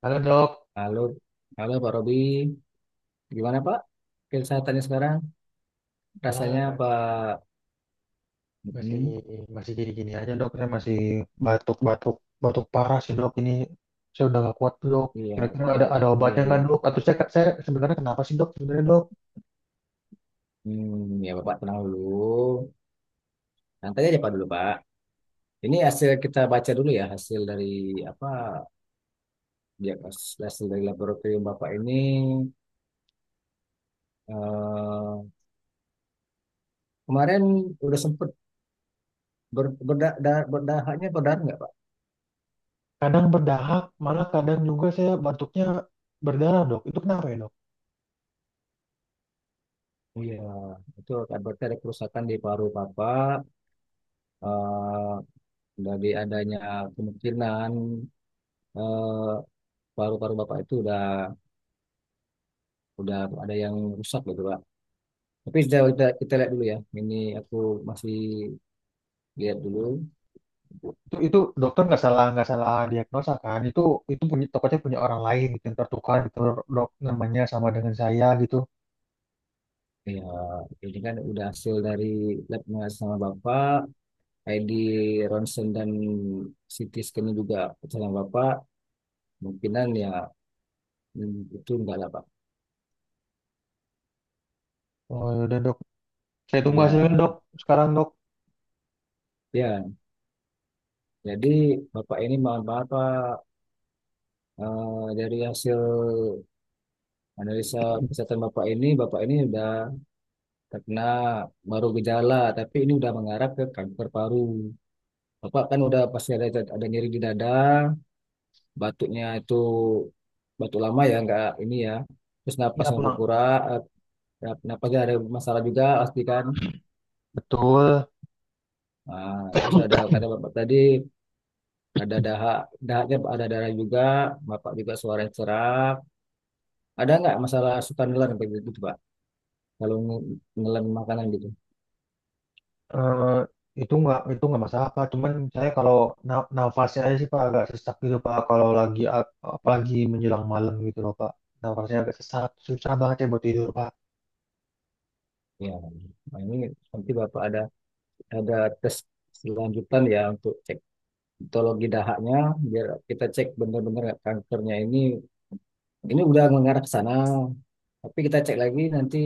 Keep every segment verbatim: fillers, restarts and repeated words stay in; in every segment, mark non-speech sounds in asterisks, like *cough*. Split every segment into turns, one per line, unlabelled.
Halo dok,
Halo, halo Pak Robi. Gimana Pak? Kesehatannya sekarang?
ya,
Rasanya Pak?
masih
Mm-mm.
masih gini-gini aja dok, saya masih batuk-batuk batuk parah sih dok ini. Saya udah gak kuat dok.
Iya,
Kira-kira ada
iya,
ada
iya.
obatnya nggak dok?
Iya.
Atau saya saya sebenarnya kenapa sih dok? Sebenarnya dok,
Hmm, ya Bapak tenang dulu. Santai aja Pak dulu Pak. Ini hasil kita baca dulu ya hasil dari apa? Ya, hasil hasil dari laboratorium Bapak ini eh, kemarin udah sempet ber, berda, da, berdahaknya berdarah nggak Pak?
kadang berdahak, malah kadang juga saya batuknya berdarah dok. Itu kenapa ya dok?
Iya, itu akan berarti ada kerusakan di paru Bapak. eh dari adanya kemungkinan eh, paru-paru bapak itu udah udah ada yang rusak gitu pak. Tapi sudah kita, kita lihat dulu ya. Ini aku masih lihat dulu.
Itu itu dokter nggak salah nggak salah diagnosa kan? Itu itu punya tokonya punya orang lain gitu yang tertukar gitu dok, namanya sama dengan saya gitu.
Ya, ini kan udah hasil dari labnya sama bapak, I D ronsen dan C T scan juga sama bapak. Mungkinan ya, hmm, itu enggak lah pak.
Oh yaudah dok, saya tunggu hasilnya dok.
Ya
Sekarang dok,
ya. Jadi bapak ini mohon maaf pak. Eh, dari hasil analisa kesehatan bapak ini, bapak ini udah terkena baru gejala, tapi ini udah mengarah ke kanker paru. Bapak kan udah pasti ada ada nyeri di dada, batuknya itu batuk lama ya, nggak ini ya. Terus
ya
napasnya
pulang.
berkurang, eh, napasnya ada masalah juga pasti kan.
Betul.
Nah, terus ada kata bapak tadi ada dahak, dahaknya ada darah juga, bapak juga suara serak. Ada nggak masalah suka nelan kayak gitu, tuh, Pak? Kalau nge- nelan makanan gitu.
eh itu nggak itu nggak masalah Pak. Cuman saya kalau na- nafasnya aja sih Pak agak sesak gitu Pak. Kalau lagi ap- apalagi menjelang malam gitu loh Pak. Nafasnya agak sesak, susah banget ya buat tidur Pak.
Ya, nah ini nanti bapak ada ada tes selanjutan ya untuk cek histologi dahaknya biar kita cek benar-benar kankernya ini ini udah mengarah ke sana, tapi kita cek lagi nanti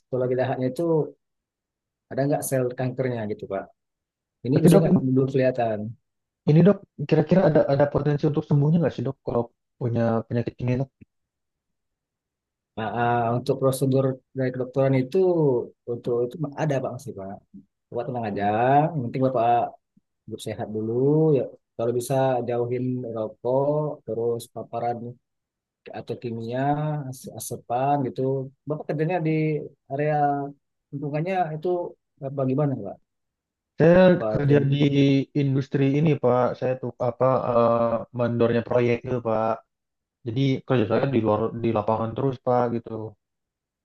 histologi dahaknya itu ada nggak sel kankernya gitu Pak. Ini
Tapi
biasanya
dok,
nggak belum kelihatan.
ini dok, kira-kira ada ada potensi untuk sembuhnya nggak sih dok kalau punya penyakit ini dok?
nah, ah, untuk prosedur dari kedokteran itu untuk itu ada Pak masih Pak. Bapak tenang aja, yang penting Bapak hidup sehat dulu ya, kalau bisa jauhin rokok, terus paparan atau kimia, as- asepan gitu. Bapak kerjanya di area lingkungannya itu apa gimana, Pak?
Saya
Apa
kerja
yang
di industri ini Pak. Saya tuh apa eh, mandornya proyek gitu Pak. Jadi kerja saya di luar di lapangan terus Pak gitu.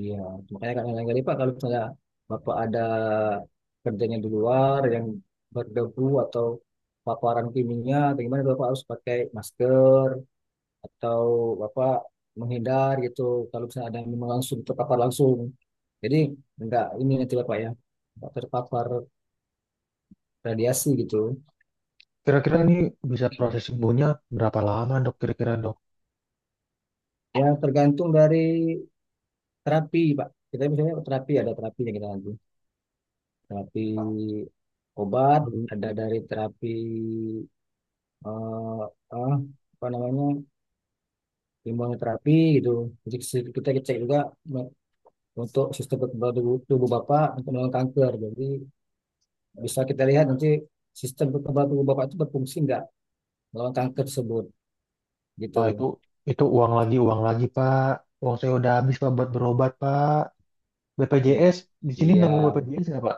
iya, makanya kan yang tadi Pak kalau misalnya Bapak ada kerjanya di luar yang berdebu atau paparan kimia atau gimana Bapak harus pakai masker atau Bapak menghindar gitu kalau misalnya ada yang memang langsung terpapar langsung. Jadi enggak ini nanti Bapak ya, enggak terpapar radiasi gitu.
Kira-kira ini bisa proses sembuhnya berapa lama dok? Kira-kira dok?
Ya tergantung dari terapi pak, kita misalnya terapi ada terapi yang kita lanjut, terapi obat, ada dari terapi eh eh, apa namanya imunoterapi gitu, jadi se- kita cek juga me- untuk sistem kekebalan tubuh, tubuh bapak untuk melawan kanker, jadi bisa kita lihat nanti sistem kekebalan tubuh bapak itu berfungsi nggak melawan kanker tersebut gitu.
Pak, itu itu uang lagi, uang lagi, Pak. Uang saya udah habis, Pak, buat berobat, Pak.
I-
B P J S, di sini nanggung
iya,
B P J S nggak, Pak?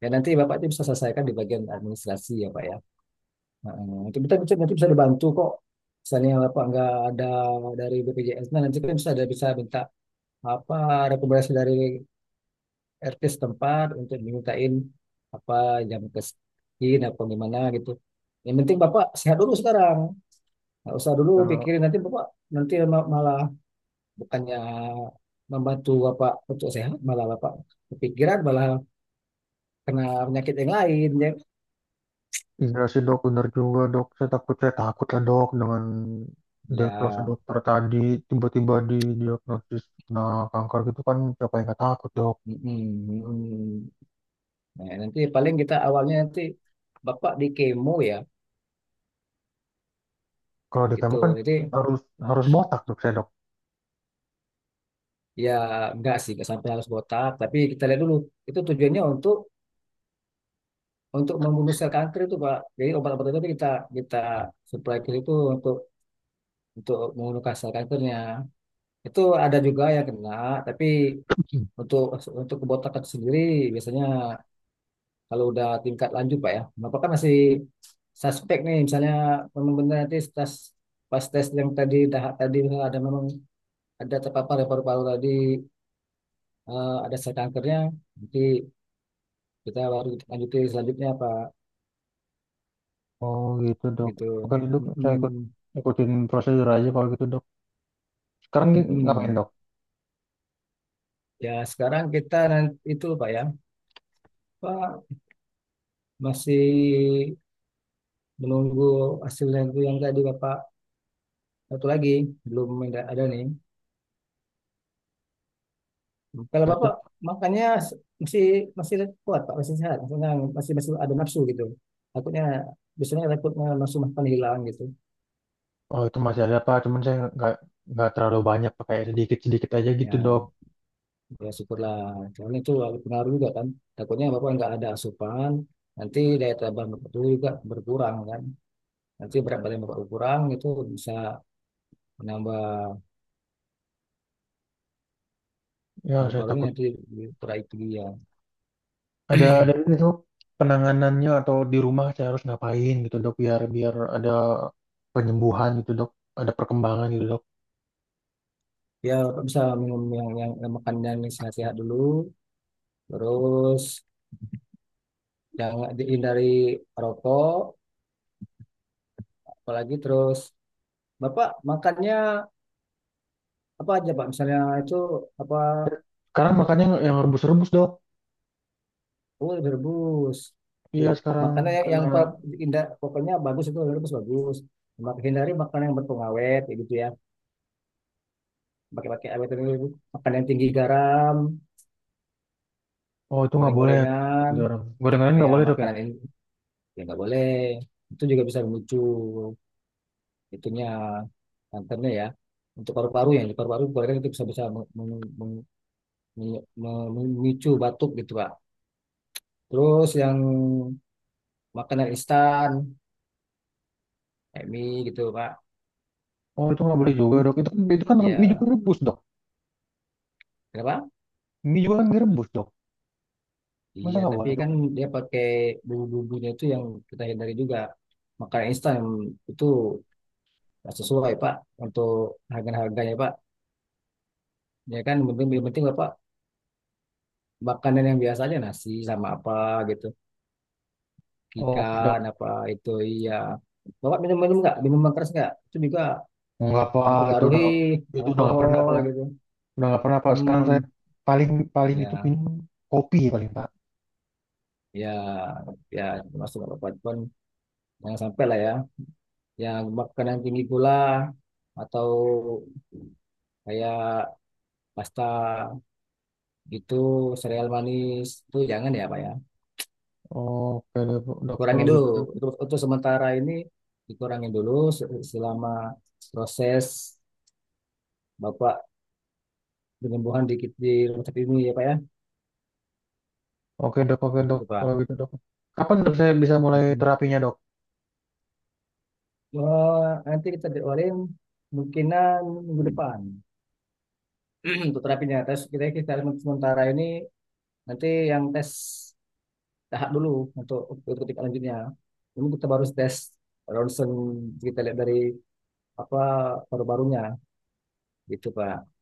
dan nanti bapak itu bisa selesaikan di bagian administrasi ya pak ya. Nah, itu kita bisa nanti bisa dibantu kok. Misalnya apa nggak ada dari B P J S, nah nanti kan bisa ada bisa minta apa rekomendasi dari R T setempat untuk dimintain apa jam ke sekian apa gimana gitu. Yang penting Bapak sehat dulu sekarang. Nggak usah dulu
Kalau
pikirin nanti Bapak nanti ma- malah bukannya membantu Bapak untuk sehat malah Bapak kepikiran malah kena penyakit yang lain ya.
iya sih dok, bener juga dok. Saya takut, saya takut lah dok dengan diagnosa
Ya,
dokter tadi, tiba-tiba di diagnosis nah kanker gitu kan, siapa yang nggak takut dok.
mm, mm, mm. Nah, nanti paling kita awalnya nanti Bapak di kemo ya
Kalau di
gitu.
kamu kan
Jadi
harus harus botak dok saya dok.
ya enggak sih enggak sampai harus botak, tapi kita lihat dulu itu tujuannya untuk untuk membunuh sel kanker itu Pak. Jadi obat obat itu kita kita supply ke itu untuk untuk membunuh sel kankernya. Itu ada juga yang kena, tapi
*clears throat* *laughs*
untuk untuk kebotakan sendiri biasanya kalau udah tingkat lanjut Pak ya. Bapak kan masih suspek nih, misalnya memang benar nanti tes pas tes yang tadi dah, tadi ada memang ada terpapar ya paru-paru tadi eh, ada sel kankernya, nanti kita baru lanjuti selanjutnya Pak
Oh gitu dok.
gitu.
Oke dok, saya ikut
Mm-mm.
ikutin prosedur aja kalau gitu dok. Sekarang gi- ngapain
Mm-mm.
dok?
Ya sekarang kita nanti itu Pak ya, Pak masih menunggu hasilnya itu yang tadi Bapak, satu lagi belum ada, ada nih kalau Bapak makannya s- masih masih kuat Pak, masih sehat maksudnya masih masih ada nafsu gitu, takutnya biasanya takutnya nafsu makan hilang gitu
Oh itu masih ada Pak, cuman saya nggak nggak terlalu banyak pakai sedikit sedikit aja gitu dok.
ya. Ya syukurlah. Soalnya itu pengaruh juga kan. Takutnya Bapak nggak ada asupan, nanti daya tahan Bapak tubuh juga berkurang kan. Nanti berat badan Bapak berkurang itu bisa menambah
Ya saya
paru-parunya
takut
nanti kurang itu ya.
ada ada ini dok, penanganannya atau di rumah saya harus ngapain gitu dok, biar biar ada penyembuhan gitu dok, ada perkembangan gitu dok.
Ya Bapak bisa minum yang, yang, yang makan yang sehat-sehat dulu, terus jangan dihindari rokok, apalagi terus Bapak makannya apa aja Pak? Misalnya itu apa.
Sekarang makanya yang rebus-rebus dok.
Oh, direbus. Oke.
Iya sekarang
Makanan yang,
karena
yang pa- indah, pokoknya bagus itu direbus bagus. Mak- Hindari makanan yang berpengawet, kayak gitu ya. Pakai-pakai awet itu, makanan yang tinggi garam,
oh itu nggak boleh.
goreng-gorengan,
Gitu, orang. Gorengan nggak
kayak
boleh dok ya?
makanan ini ya nggak boleh. Itu juga bisa memicu itunya kankernya ya. Untuk paru-paru yang di paru-paru gorengan itu bisa bisa meng- meng- meng- meng- mem- memicu batuk gitu Pak. Terus yang makanan instan, kayak mie gitu Pak.
Oh itu nggak boleh juga
Hmm,
dok. Itu kan itu kan mie juga
ya,
rebus dok.
kenapa?
Mie juga kan direbus dok. Masa
Iya,
nggak
tapi
boleh dok?
kan dia pakai bumbu-bumbunya itu yang kita hindari juga. Makanan instan itu nggak sesuai, Pak, untuk harga-harganya, Pak. Ya kan, yang penting, yang penting Pak, makanan yang biasa aja, nasi sama apa gitu.
Oh, oke
Ikan
dok.
apa itu, iya. Bapak minum-minum nggak? Minum keras nggak? Itu juga
Nggak apa, itu
mempengaruhi
udah itu udah nggak pernah
alkohol
tuh.
gitu.
Udah nggak pernah Pak. Sekarang saya
Hmm,
paling paling itu
ya,
minum kopi ya paling Pak.
ya, ya, masuk apa pun. Jangan sampai lah ya. Yang makanan tinggi gula atau kayak pasta itu sereal manis itu jangan ya Pak ya,
Oke deh dok
kurangi
kalau gitu
dulu
dok.
untuk, untuk sementara ini dikurangin dulu se- selama proses Bapak penyembuhan di, di rumah sakit ini ya Pak ya
Oke dok oke dok
gitu Pak.
kalau gitu dok. Kapan dok saya bisa mulai
Mm-mm.
terapinya dok?
Oh, nanti kita jadwalin mungkinan minggu depan *clears throat* untuk terapinya tes kita kita sementara ini nanti yang tes tahap dulu untuk untuk tingkat lanjutnya ini kita baru tes ronsen kita lihat dari apa paru-parunya. Gitu, Pak.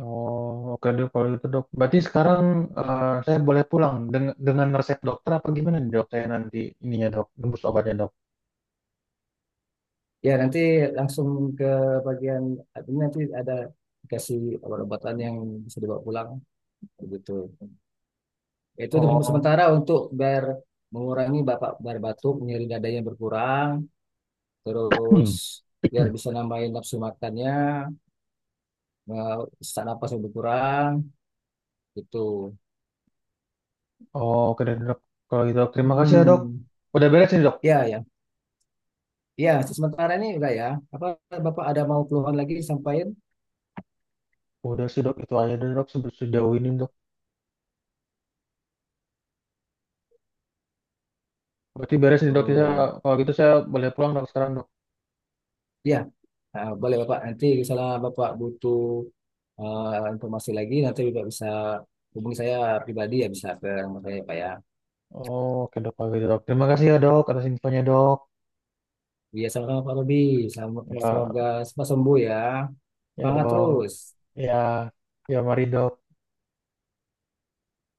Oh oke dok kalau gitu dok. Berarti sekarang eh, saya boleh pulang dengan, dengan resep dokter apa gimana nih dok? Saya nanti ininya dok, nembus obatnya dok.
Ya, nanti langsung ke bagian admin, nanti ada dikasih obat-obatan yang bisa dibawa pulang begitu. Ya, itu untuk
Oh,
sementara untuk biar mengurangi bapak biar batuk, nyeri dada yang berkurang,
*clears throat*
terus
hmm.
biar bisa nambahin nafsu makannya, eh, sesak napas yang berkurang gitu.
Oh oke deh dok kalau gitu dok. Terima kasih ya dok.
Hmm,
Udah beres nih dok.
ya ya. Ya, sementara ini enggak ya. Apa Bapak ada mau keluhan lagi sampaikan?
Udah sih dok itu aja deh, dok se- sejauh ini dok. Berarti beres nih dok. Saya,
Oh.
kalau gitu saya boleh pulang dok sekarang dok.
Ya, eh, boleh Bapak. Nanti misalnya Bapak butuh eh, informasi lagi, nanti Bapak bisa hubungi saya pribadi ya, bisa ke nomor saya Pak ya.
Oh, oke dok, oke dok. Terima kasih ya dok atas infonya dok.
Iya, sama-sama Pak Robi. Sama-
Ya,
Semoga cepat sembuh ya.
ya
Semangat
dok.
terus.
Ya, ya mari dok.